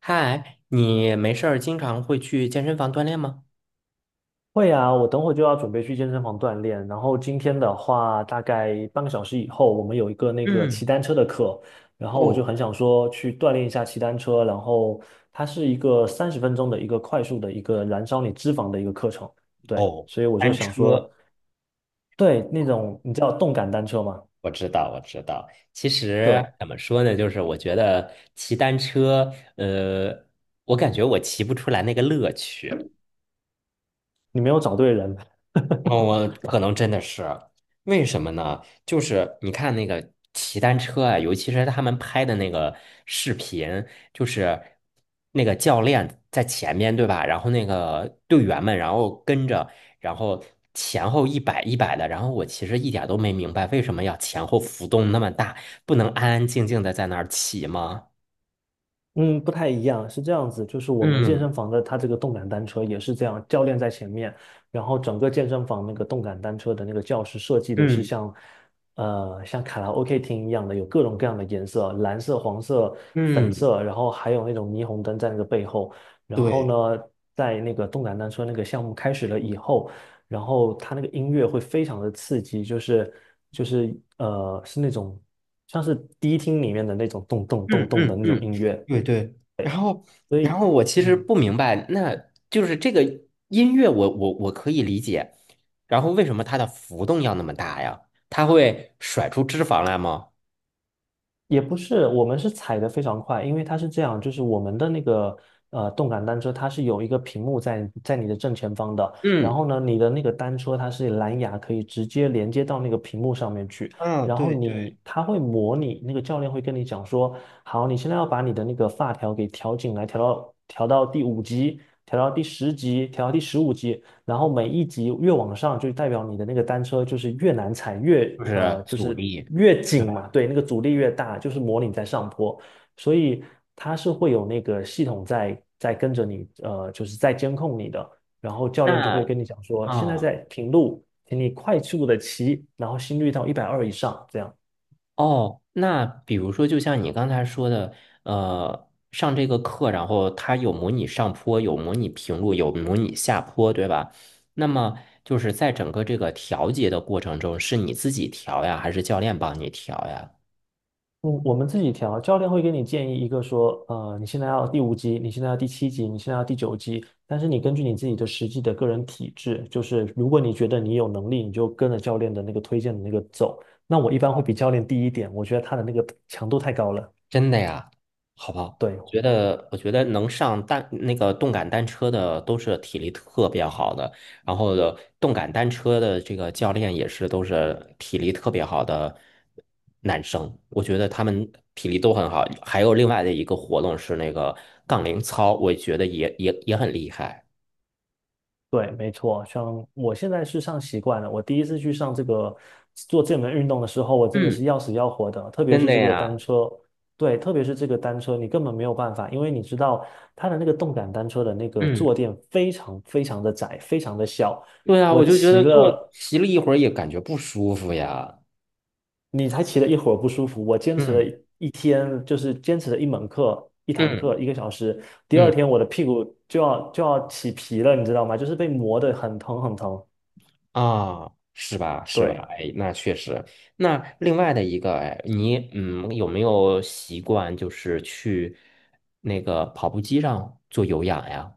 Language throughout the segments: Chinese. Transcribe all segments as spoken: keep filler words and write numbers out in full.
嗨，你没事儿经常会去健身房锻炼吗？会啊，我等会就要准备去健身房锻炼。然后今天的话，大概半个小时以后，我们有一个那个骑嗯，单车的课，然后我就哦很想说去锻炼一下骑单车。然后它是一个三十分钟的一个快速的一个燃烧你脂肪的一个课程，对，哦，所以我就单想说，车，对那种你知道动感单车吗？我知道，我知道。其实对，怎么说呢，就是我觉得骑单车，呃，我感觉我骑不出来那个乐趣。你没有找对人。哦，我可能真的是，为什么呢？就是你看那个骑单车啊，尤其是他们拍的那个视频，就是那个教练在前面，对吧？然后那个队员们，然后跟着，然后前后一摆一摆的。然后我其实一点都没明白，为什么要前后浮动那么大，不能安安静静的在那儿骑吗？嗯，不太一样，是这样子，就是我们健嗯身房的它这个动感单车也是这样，教练在前面，然后整个健身房那个动感单车的那个教室设计的是嗯像，呃，像卡拉 OK 厅一样的，有各种各样的颜色，蓝色、黄色、粉嗯，色，然后还有那种霓虹灯在那个背后，然后对。呢，在那个动感单车那个项目开始了以后，然后它那个音乐会非常的刺激，就是就是呃，是那种像是迪厅里面的那种咚咚咚嗯咚的嗯那种嗯，音乐。对对。然后，所然以，后我其实嗯，不明白，那就是这个音乐我，我我可以理解。然后为什么它的浮动要那么大呀？它会甩出脂肪来吗？也不是，我们是踩得非常快，因为它是这样，就是我们的那个呃动感单车，它是有一个屏幕在在你的正前方的，然嗯，后呢，你的那个单车它是蓝牙可以直接连接到那个屏幕上面去，嗯，然后对对。你它会模拟，那个教练会跟你讲说，好，你现在要把你的那个发条给调紧来，调到调到第五级，调到第十级，调到第十五级，然后每一级越往上，就代表你的那个单车就是越难踩，越就呃是就阻是力。越紧嘛，对，那个阻力越大，就是模拟在上坡，所以它是会有那个系统在在跟着你，呃，就是在监控你的，然后教练就会那跟你讲说，现在啊。在平路，请你快速的骑，然后心率到一百二以上，这样。哦，那比如说，就像你刚才说的，呃，上这个课，然后它有模拟上坡，有模拟平路，有模拟下坡，对吧？那么就是在整个这个调节的过程中，是你自己调呀，还是教练帮你调呀？嗯，我们自己调，教练会给你建议一个说，呃，你现在要第五级，你现在要第七级，你现在要第九级，但是你根据你自己的实际的个人体质，就是如果你觉得你有能力，你就跟着教练的那个推荐的那个走。那我一般会比教练低一点，我觉得他的那个强度太高了。真的呀，好不好？对，觉得我觉得能上单那个动感单车的都是体力特别好的，然后的动感单车的这个教练也是都是体力特别好的男生，我觉得他们体力都很好。还有另外的一个活动是那个杠铃操，我觉得也也也很厉害。对，没错，像我现在是上习惯了。我第一次去上这个做这门运动的时候，我真的是嗯，要死要活的。特别真是的这个单呀，车，对，特别是这个单车，你根本没有办法，因为你知道它的那个动感单车的那个坐嗯，垫非常非常的窄，非常的小。对啊，我我就觉骑得坐了，骑了一会儿也感觉不舒服呀。你才骑了一会儿不舒服，我坚持了嗯一一天，就是坚持了一门课，一堂嗯课，一个小时。第二嗯。天我的屁股就要就要起皮了，你知道吗？就是被磨得很疼很疼。啊，是吧？是吧？对。哎，那确实。那另外的一个，哎，你嗯，有没有习惯就是去那个跑步机上做有氧呀？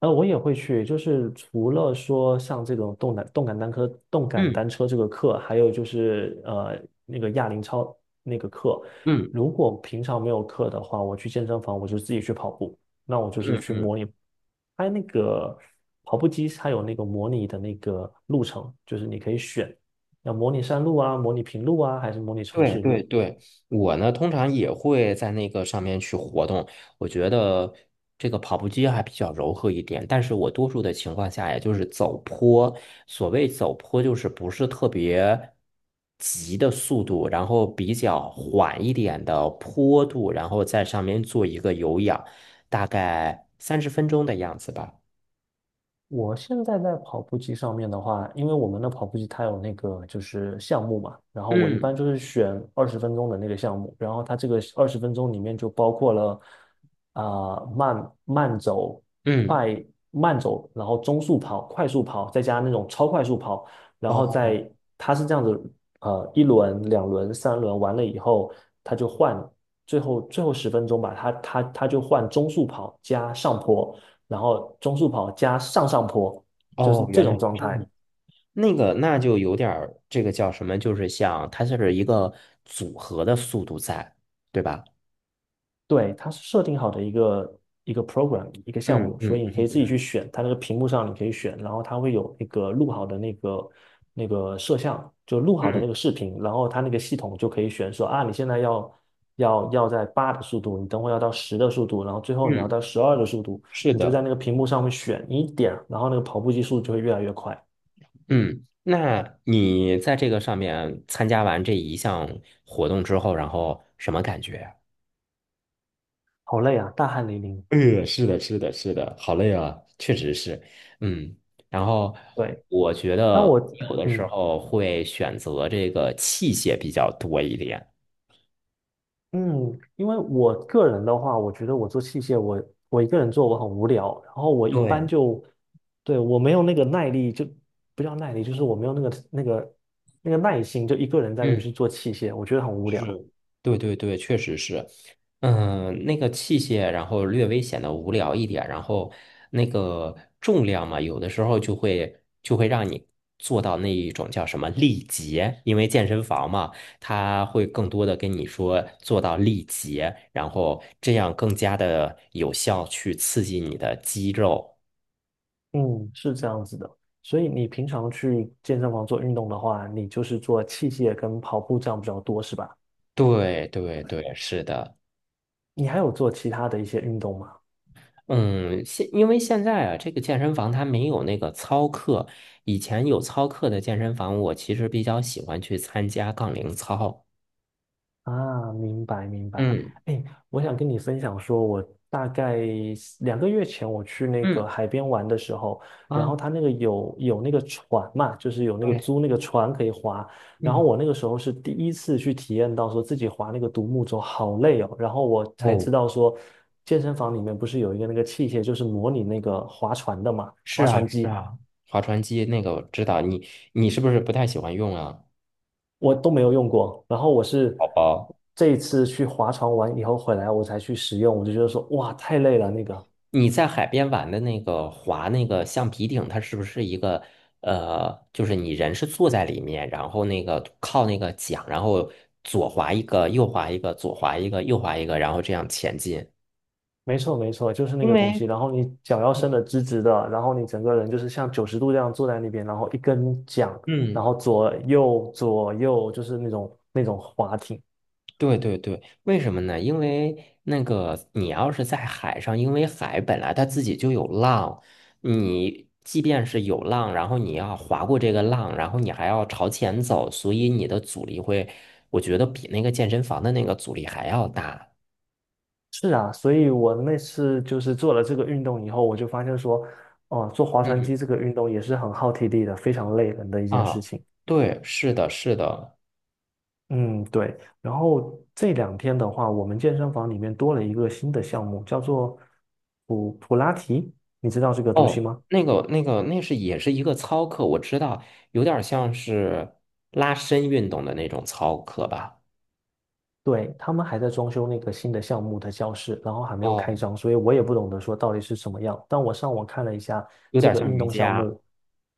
呃，我也会去，就是除了说像这种动感动感单车、动感嗯单车这个课，还有就是呃那个哑铃操那个课。嗯如果平常没有课的话，我去健身房，我就自己去跑步。那我就是去嗯模拟，它那个跑步机它有那个模拟的那个路程，就是你可以选要模拟山路啊、模拟平路啊，还是模拟城对市对路。对，我呢通常也会在那个上面去活动。我觉得这个跑步机还比较柔和一点，但是我多数的情况下，也就是走坡。所谓走坡，就是不是特别急的速度，然后比较缓一点的坡度，然后在上面做一个有氧，大概三十分钟的样子吧。我现在在跑步机上面的话，因为我们的跑步机它有那个就是项目嘛，然后我一嗯般就是选二十分钟的那个项目，然后它这个二十分钟里面就包括了啊、慢慢走、嗯，快慢走，然后中速跑、快速跑，再加那种超快速跑，然后哦再它是这样子，呃，一轮、两轮、三轮完了以后，它就换最后最后十分钟吧，它它它就换中速跑加上坡。然后中速跑加上上坡，就是哦，这原来种是状这样。态。那个那就有点儿这个叫什么，就是像它是一个组合的速度在，对吧？对，它是设定好的一个一个 program 一个项嗯目，所以你嗯可以自己去选，它那个屏幕上你可以选，然后它会有那个录好的那个那个摄像，就录好的嗯那个视频，然后它那个系统就可以选说啊，你现在要要要在八的速度，你等会要到十的速度，然后最后你要嗯，到十二的速度，是你就在的，那个屏幕上面选你一点，然后那个跑步机速度就会越来越快。嗯。那你在这个上面参加完这一项活动之后，然后什么感觉？好累啊，大汗淋漓。呃，是的，是的，是的，好累啊，确实是，嗯。然后对，我觉得当我有的时嗯。候会选择这个器械比较多一点。嗯，因为我个人的话，我觉得我做器械，我我一个人做我很无聊，然后我一般对，就，对，我没有那个耐力，就不叫耐力，就是我没有那个那个那个耐心，就一个人在那边嗯。去做器械，我觉得很无聊。是，对对对，确实是，嗯，那个器械，然后略微显得无聊一点，然后那个重量嘛，有的时候就会就会让你做到那一种叫什么力竭，因为健身房嘛，它会更多的跟你说做到力竭，然后这样更加的有效去刺激你的肌肉。嗯，是这样子的。所以你平常去健身房做运动的话，你就是做器械跟跑步这样比较多，是吧？对对对，是的。你还有做其他的一些运动吗？嗯，现因为现在啊，这个健身房它没有那个操课，以前有操课的健身房，我其实比较喜欢去参加杠铃操。啊，明白明白。嗯哎，我想跟你分享说，我大概两个月前我去那个嗯海边玩的时候，然后啊，他那个有有那个船嘛，就是有那个对，租那个船可以划。然后嗯我那个时候是第一次去体验到说自己划那个独木舟好累哦，然后我才知哦，道说，健身房里面不是有一个那个器械，就是模拟那个划船的嘛，是划啊船是机。啊，划船机那个我知道，你你是不是不太喜欢用啊，我都没有用过。然后我是宝宝？这一次去划船玩以后回来，我才去使用，我就觉得说，哇，太累了那个。你在海边玩的那个划那个橡皮艇，它是不是一个呃，就是你人是坐在里面，然后那个靠那个桨，然后左划一个，右划一个，左划一个，右划一个，然后这样前进。没错，没错，就是那因个东西。为然后你脚要伸的直直的，然后你整个人就是像九十度这样坐在那边，然后一根桨，然嗯后左右左右就是那种那种划艇。对对对，为什么呢？因为那个你要是在海上，因为海本来它自己就有浪，你即便是有浪，然后你要划过这个浪，然后你还要朝前走，所以你的阻力会，我觉得比那个健身房的那个阻力还要大。是啊，所以我那次就是做了这个运动以后，我就发现说，哦、做划船嗯机这个运动也是很耗体力的，非常累人的一件事啊，情。对，是的，是的。嗯，对。然后这两天的话，我们健身房里面多了一个新的项目，叫做普普拉提，你知道这个东西哦，吗？那个那个那是也是一个操课，我知道，有点像是拉伸运动的那种操课吧。对，他们还在装修那个新的项目的教室，然后还没有开哦，张，所以我也不懂得说到底是什么样。但我上网看了一下有这点个像运瑜动项伽。目，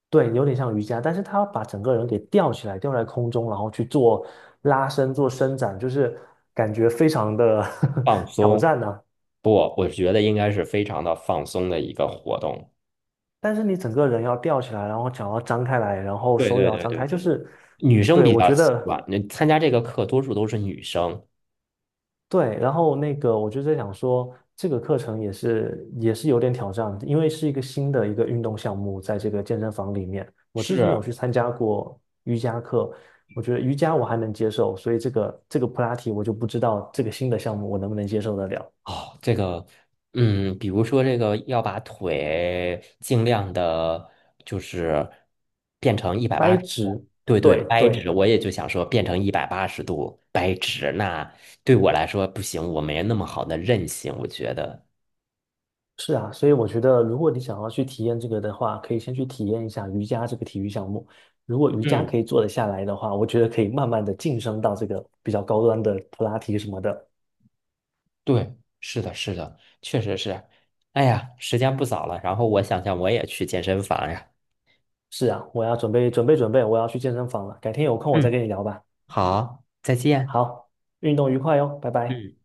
对，有点像瑜伽，但是他把整个人给吊起来，吊在空中，然后去做拉伸、做伸展，就是感觉非常的 放 挑松，战呢、不，我觉得应该是非常的放松的一个活动。但是你整个人要吊起来，然后脚要张开来，然后对手也对要对张对开，就对，是，女生对，比我较觉习得惯。那参加这个课多数都是女生。对。然后那个，我就在想说，这个课程也是也是有点挑战，因为是一个新的一个运动项目，在这个健身房里面，我之前是有去参加过瑜伽课，我觉得瑜伽我还能接受，所以这个这个普拉提我就不知道这个新的项目我能不能接受得了。哦，这个，嗯，比如说这个要把腿尽量的，就是变成一百掰八十，直，对对，对掰直。对，我也就想说变成一百八十度掰直，那对我来说不行，我没那么好的韧性，我觉得。是啊，所以我觉得，如果你想要去体验这个的话，可以先去体验一下瑜伽这个体育项目。如果瑜伽嗯。可以做得下来的话，我觉得可以慢慢的晋升到这个比较高端的普拉提什么的。对，是的，是的，确实是。哎呀，时间不早了，然后我想想我也去健身房呀。是啊，我要准备准备准备，我要去健身房了。改天有空我再跟嗯，你聊吧。好，再见。好，运动愉快哟，拜拜。嗯。